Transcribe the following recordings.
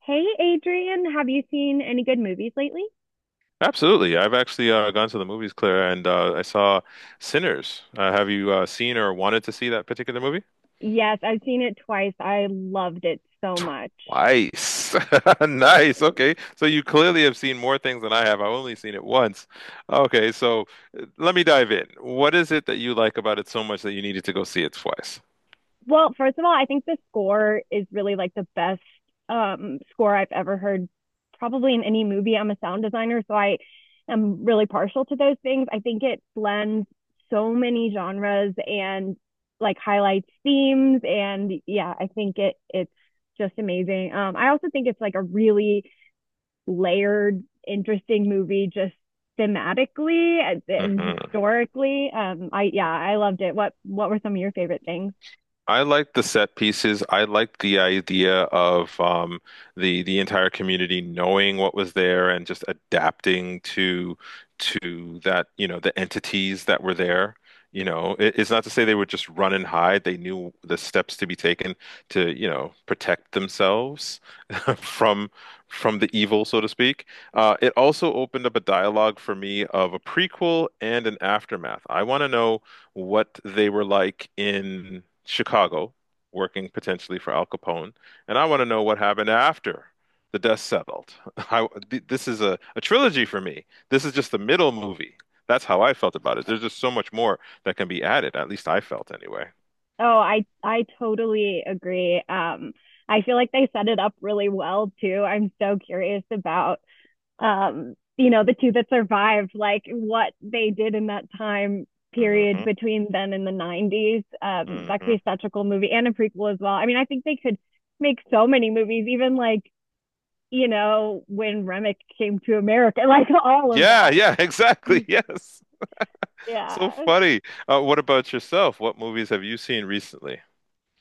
Hey, Adrian, have you seen any good movies lately? Absolutely. I've actually gone to the movies, Claire, and I saw Sinners. Have you seen or wanted to see that particular movie? Yes, I've seen it twice. I loved it so much. Nice. Nice. Okay. So you clearly have seen more things than I have. I've only seen it once. Okay. So let me dive in. What is it that you like about it so much that you needed to go see it twice? Well, first of all, I think the score is really like the best score I've ever heard, probably in any movie. I'm a sound designer, so I am really partial to those things. I think it blends so many genres and like highlights themes. And yeah, I think it's just amazing. I also think it's like a really layered, interesting movie just thematically and Mm-hmm. historically. I yeah, I loved it. What were some of your favorite things? I like the set pieces. I like the idea of the entire community knowing what was there and just adapting to that, you know, the entities that were there. You know, it's not to say they would just run and hide. They knew the steps to be taken to, you know, protect themselves. from from the evil, so to speak. It also opened up a dialogue for me of a prequel and an aftermath. I want to know what they were like in Chicago, working potentially for Al Capone, and I want to know what happened after the dust settled. This is a trilogy for me. This is just the middle movie. That's how I felt about it. There's just so much more that can be added. At least I felt anyway. Oh, I totally agree. I feel like they set it up really well too. I'm so curious about you know, the two that survived, like what they did in that time period Hmm. between then and the 90s. That could Hmm. be such a cool movie and a prequel as well. I mean, I think they could make so many movies, even like you know, when Remick came to America, like all of Yeah, that. yeah, exactly. Yes. So Yeah. funny. What about yourself? What movies have you seen recently?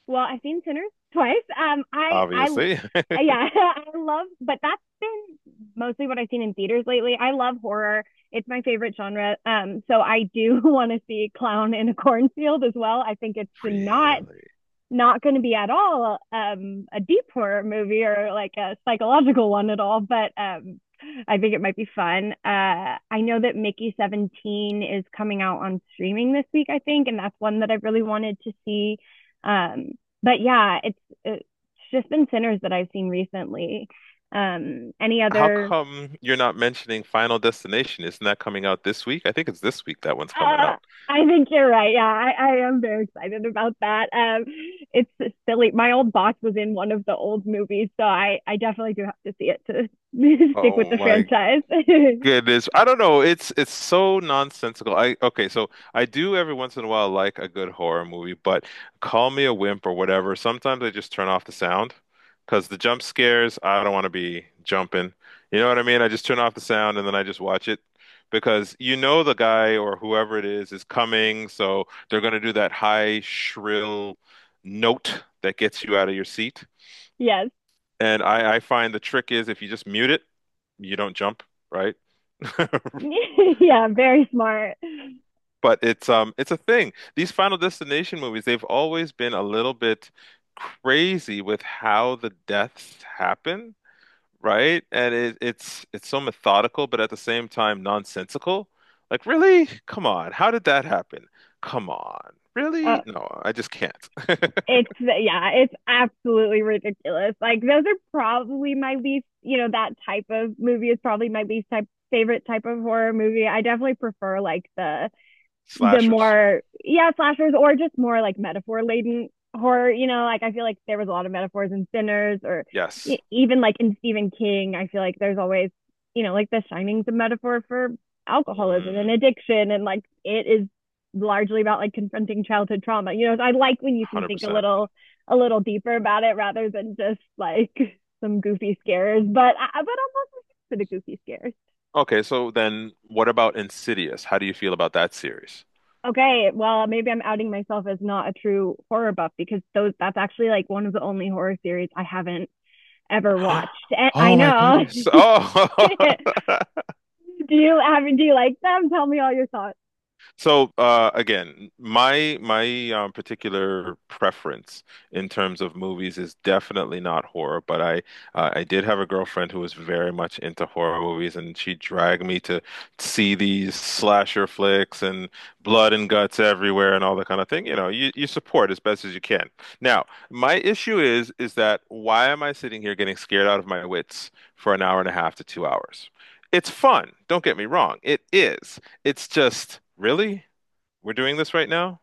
Well, I've seen Sinners twice. Obviously. Yeah, I love, but that's been mostly what I've seen in theaters lately. I love horror. It's my favorite genre. So I do want to see Clown in a Cornfield as well. I think it's Really? not going to be at all a deep horror movie or like a psychological one at all, but I think it might be fun. I know that Mickey 17 is coming out on streaming this week, I think, and that's one that I really wanted to see. Um, but yeah, it's just been Sinners that I've seen recently. Any How other come you're not mentioning Final Destination? Isn't that coming out this week? I think it's this week that one's coming Uh, out. I think you're right. Yeah, I am very excited about that. It's silly. My old boss was in one of the old movies, so I definitely do have to see it to stick with Oh the my franchise. goodness. I don't know. It's so nonsensical. I okay, so I do every once in a while like a good horror movie, but call me a wimp or whatever. Sometimes I just turn off the sound because the jump scares, I don't want to be jumping. You know what I mean? I just turn off the sound and then I just watch it because you know the guy or whoever it is coming, so they're going to do that high shrill note that gets you out of your seat. yes. I find the trick is if you just mute it, you don't jump, right? yeah, very smart. But it's a thing. These Final Destination movies, they've always been a little bit crazy with how the deaths happen, right? And it's so methodical, but at the same time nonsensical. Like, really? Come on. How did that happen? Come on. Uh, Really? No, I just can't. it's yeah, it's absolutely ridiculous. Like those are probably my least, you know, that type of movie is probably my least type favorite type of horror movie. I definitely prefer like the Slashers. more yeah slashers or just more like metaphor laden horror, you know, like I feel like there was a lot of metaphors in Sinners or Yes. even like in Stephen King, I feel like there's always, you know, like the Shining's a metaphor for alcoholism and Mm, addiction and like it is largely about like confronting childhood trauma, you know. So I like when you can think 100%. A little deeper about it rather than just like some goofy scares, but I'm also for the goofy scares. Okay, so then what about Insidious? How do you feel about that series? Okay, well, maybe I'm outing myself as not a true horror buff because those that's actually like one of the only horror series I haven't ever watched. And I Oh my know. goodness. Oh. do do you like them? Tell me all your thoughts. So again, my particular preference in terms of movies is definitely not horror, but I did have a girlfriend who was very much into horror movies, and she dragged me to see these slasher flicks and blood and guts everywhere and all that kind of thing. You know, you support as best as you can. Now, my issue is that why am I sitting here getting scared out of my wits for 1.5 hours to 2 hours? It's fun, don't get me wrong. It is. It's just, really? We're doing this right now?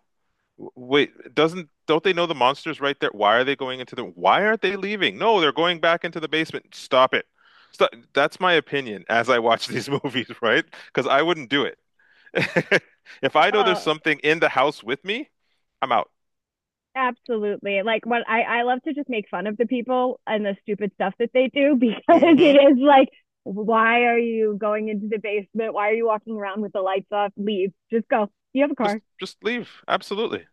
Wait, doesn't don't they know the monster's right there? Why are they going into the why aren't they leaving? No, they're going back into the basement. Stop it. Stop. That's my opinion as I watch these movies, right? Because I wouldn't do it. If I know there's Oh, something in the house with me, I'm out. absolutely. Like what I love to just make fun of the people and the stupid stuff that they do because Hmm. it is like why are you going into the basement? Why are you walking around with the lights off? Leave. Just go. You have a car. Just leave. Absolutely.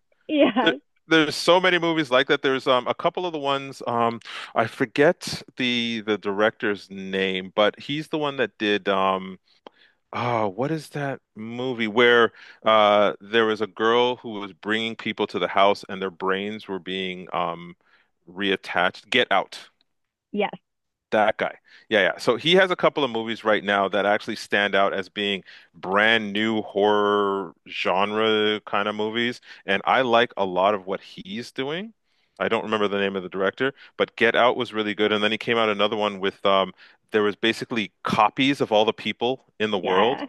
There, Yes. there's so many movies like that. There's a couple of the ones I forget the director's name, but he's the one that did oh, what is that movie where there was a girl who was bringing people to the house and their brains were being reattached? Get Out. Yes. That guy. Yeah, yeah. So he has a couple of movies right now that actually stand out as being brand new horror genre kind of movies, and I like a lot of what he's doing. I don't remember the name of the director, but Get Out was really good, and then he came out another one with there was basically copies of all the people in the world Yeah.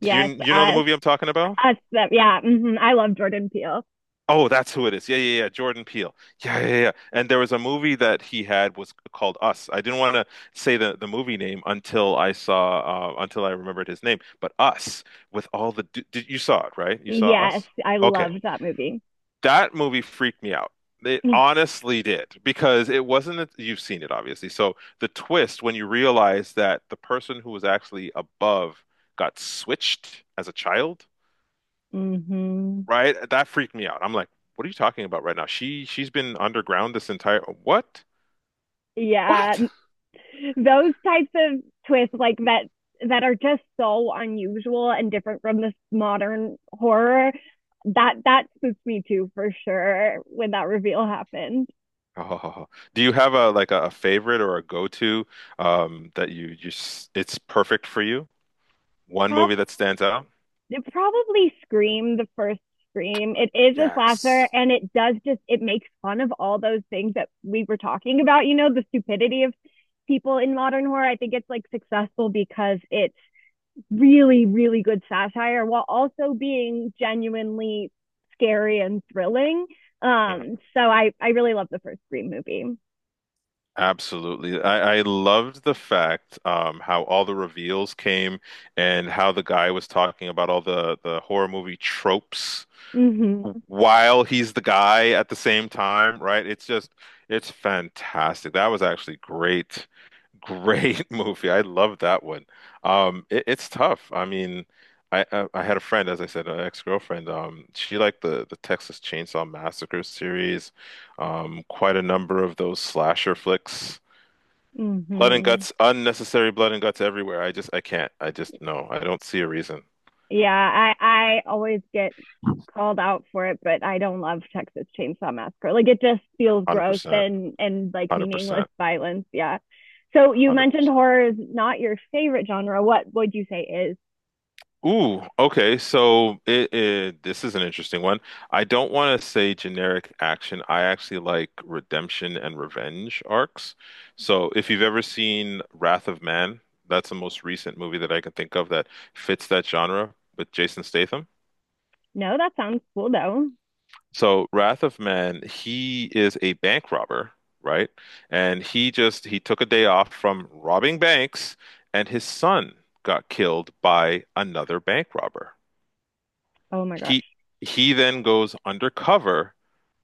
do you know the movie I'm talking about? Us, that, yeah. hmm I love Jordan Peele. Oh, that's who it is. Yeah, yeah, yeah. Jordan Peele. Yeah, yeah, yeah. And there was a movie that he had was called Us. I didn't want to say the movie name until I saw until I remembered his name. But Us with all the d did, you saw it, right? You saw Yes, Us? I Okay. loved that movie. That movie freaked me out. It honestly did because it wasn't a, you've seen it obviously. So the twist when you realize that the person who was actually above got switched as a child Mm hmm. right? That freaked me out. I'm like, what are you talking about right now? She's been underground this entire what? Yeah, What? those types of twists, like that, that are just so unusual and different from this modern horror. That spooked me too, for sure, when that reveal happened. Oh, do you have a like a favorite or a go-to that you it's perfect for you? One Probably movie that stands out? it probably Scream, the first Scream. It is a slasher Yes. and it does just, it makes fun of all those things that we were talking about, you know, the stupidity of people in modern horror. I think it's like successful because it's really, really good satire while also being genuinely scary and thrilling. So I really love the first Scream movie. Absolutely. I loved the fact how all the reveals came and how the guy was talking about all the horror movie tropes Mm-hmm. while he's the guy at the same time, right? It's just, it's fantastic. That was actually great, great movie. I love that one. It's tough. I mean, I had a friend, as I said, an ex-girlfriend. She liked the Texas Chainsaw Massacre series, quite a number of those slasher flicks. Blood and Mm-hmm. guts, unnecessary blood and guts everywhere. I just, I can't. I just, no, I don't see a reason. Yeah, I always get called out for it, but I don't love Texas Chainsaw Massacre. Like it just feels gross 100%, and like meaningless 100%, violence. Yeah. So you mentioned 100%. horror is not your favorite genre. What would you say is? Ooh, okay. So it this is an interesting one. I don't want to say generic action. I actually like redemption and revenge arcs. So if you've ever seen Wrath of Man, that's the most recent movie that I can think of that fits that genre with Jason Statham. No, that sounds cool though. So Wrath of Man, he is a bank robber, right? And he took a day off from robbing banks, and his son got killed by another bank robber. Oh my He gosh. he then goes undercover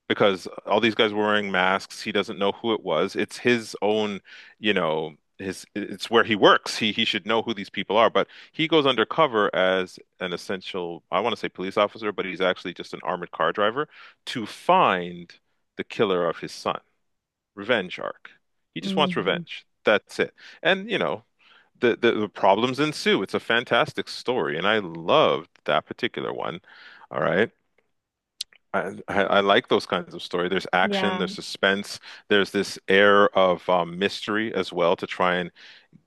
because all these guys were wearing masks. He doesn't know who it was. It's his own, you know, his it's where he works. He should know who these people are, but he goes undercover as an essential, I want to say police officer, but he's actually just an armored car driver to find the killer of his son. Revenge arc. He just wants Hmm. revenge. That's it. And you know, the problems ensue. It's a fantastic story, and I loved that particular one. All right. I like those kinds of story. There's action, Yeah. there's suspense, there's this air of mystery as well to try and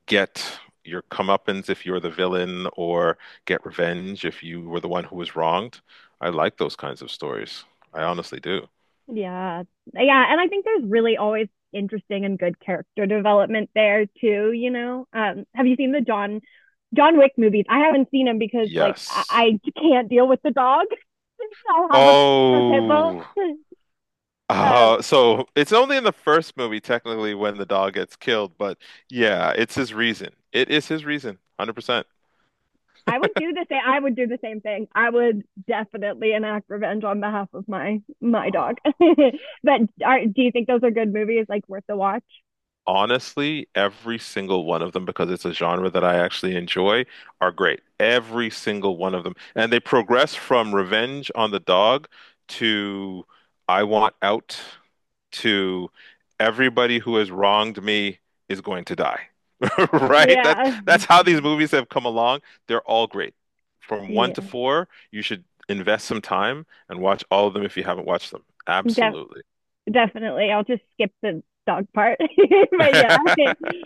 get your comeuppance if you're the villain, or get revenge if you were the one who was wronged. I like those kinds of stories. I honestly do. Yeah. Yeah. And I think there's really always interesting and good character development there too, you know. Have you seen the John Wick movies? I haven't seen them because like Yes. I can't deal with the dog. I will have a pit bull. Oh, Um, so it's only in the first movie technically when the dog gets killed, but yeah, it's his reason. It is his reason, 100%. I would do the same. I would do the same thing. I would definitely enact revenge on behalf of my dog. but are, do you think those are good movies? Like worth the watch? Honestly, every single one of them, because it's a genre that I actually enjoy, are great. Every single one of them. And they progress from Revenge on the Dog to I Want Out to everybody who has wronged me is going to die. Right? Yeah, That's how these movies have come along. They're all great. From one yeah, to four, you should invest some time and watch all of them if you haven't watched them. def- Absolutely. definitely. I'll just skip the dog part. but yeah,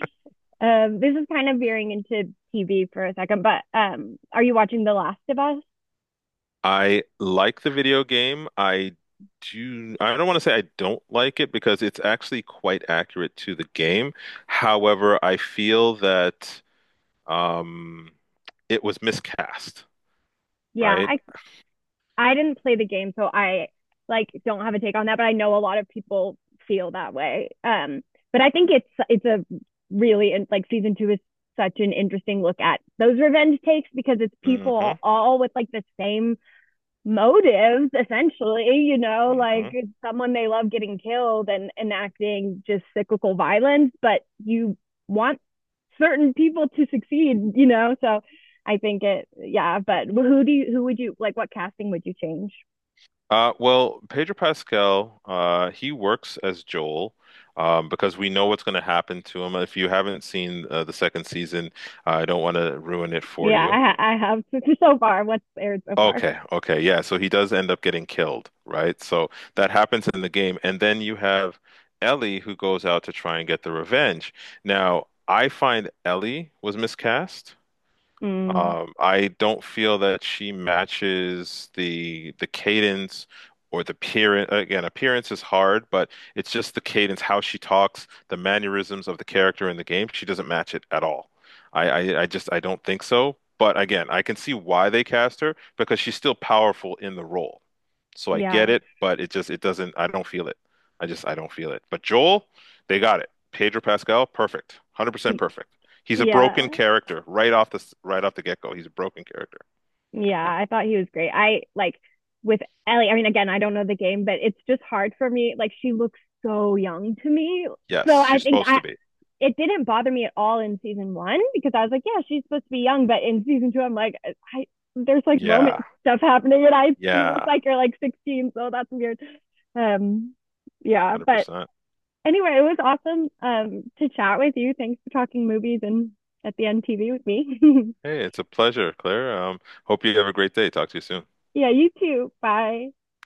this is kind of veering into TV for a second. But are you watching The Last of Us? I like the video game. I don't want to say I don't like it because it's actually quite accurate to the game. However, I feel that um, it was miscast, Yeah, right? I didn't play the game, so I like don't have a take on that, but I know a lot of people feel that way. But I think it's a really like season two is such an interesting look at those revenge takes because it's Hmm. people all with like the same motives, essentially, you know, like Hmm. someone they love getting killed and enacting just cyclical violence, but you want certain people to succeed, you know. So I think it yeah, but who would you like what casting would you change? Well, Pedro Pascal, he works as Joel because we know what's going to happen to him. If you haven't seen the second season, I don't want to ruin it for you. yeah i, I have so far what's aired so far. Okay, okay, yeah. So he does end up getting killed, right? So that happens in the game. And then you have Ellie who goes out to try and get the revenge. Now, I find Ellie was miscast. Mm, I don't feel that she matches the cadence or the appearance. Again, appearance is hard, but it's just the cadence, how she talks, the mannerisms of the character in the game. She doesn't match it at all. I just I don't think so. But again, I can see why they cast her because she's still powerful in the role. So I yeah, get it, but it just it doesn't. I don't feel it. I don't feel it. But Joel, they got it. Pedro Pascal, perfect, 100% perfect. He's a yeah. broken character right off the get-go. He's a broken character. Yeah, I thought he was great. I like with Ellie, I mean, again, I don't know the game, but it's just hard for me. Like, she looks so young to me. So Yes, I she's think supposed to be. it didn't bother me at all in season one because I was like, yeah, she's supposed to be young. But in season two, I'm like, I, there's like Roman Yeah. stuff happening and I, you look Yeah. like you're like 16. So that's weird. Um, yeah. But 100%. anyway, it was awesome to chat with you. Thanks for talking movies and at the end TV with me. Hey, it's a pleasure, Claire. Hope you have a great day. Talk to you soon. yeah, you too. Bye.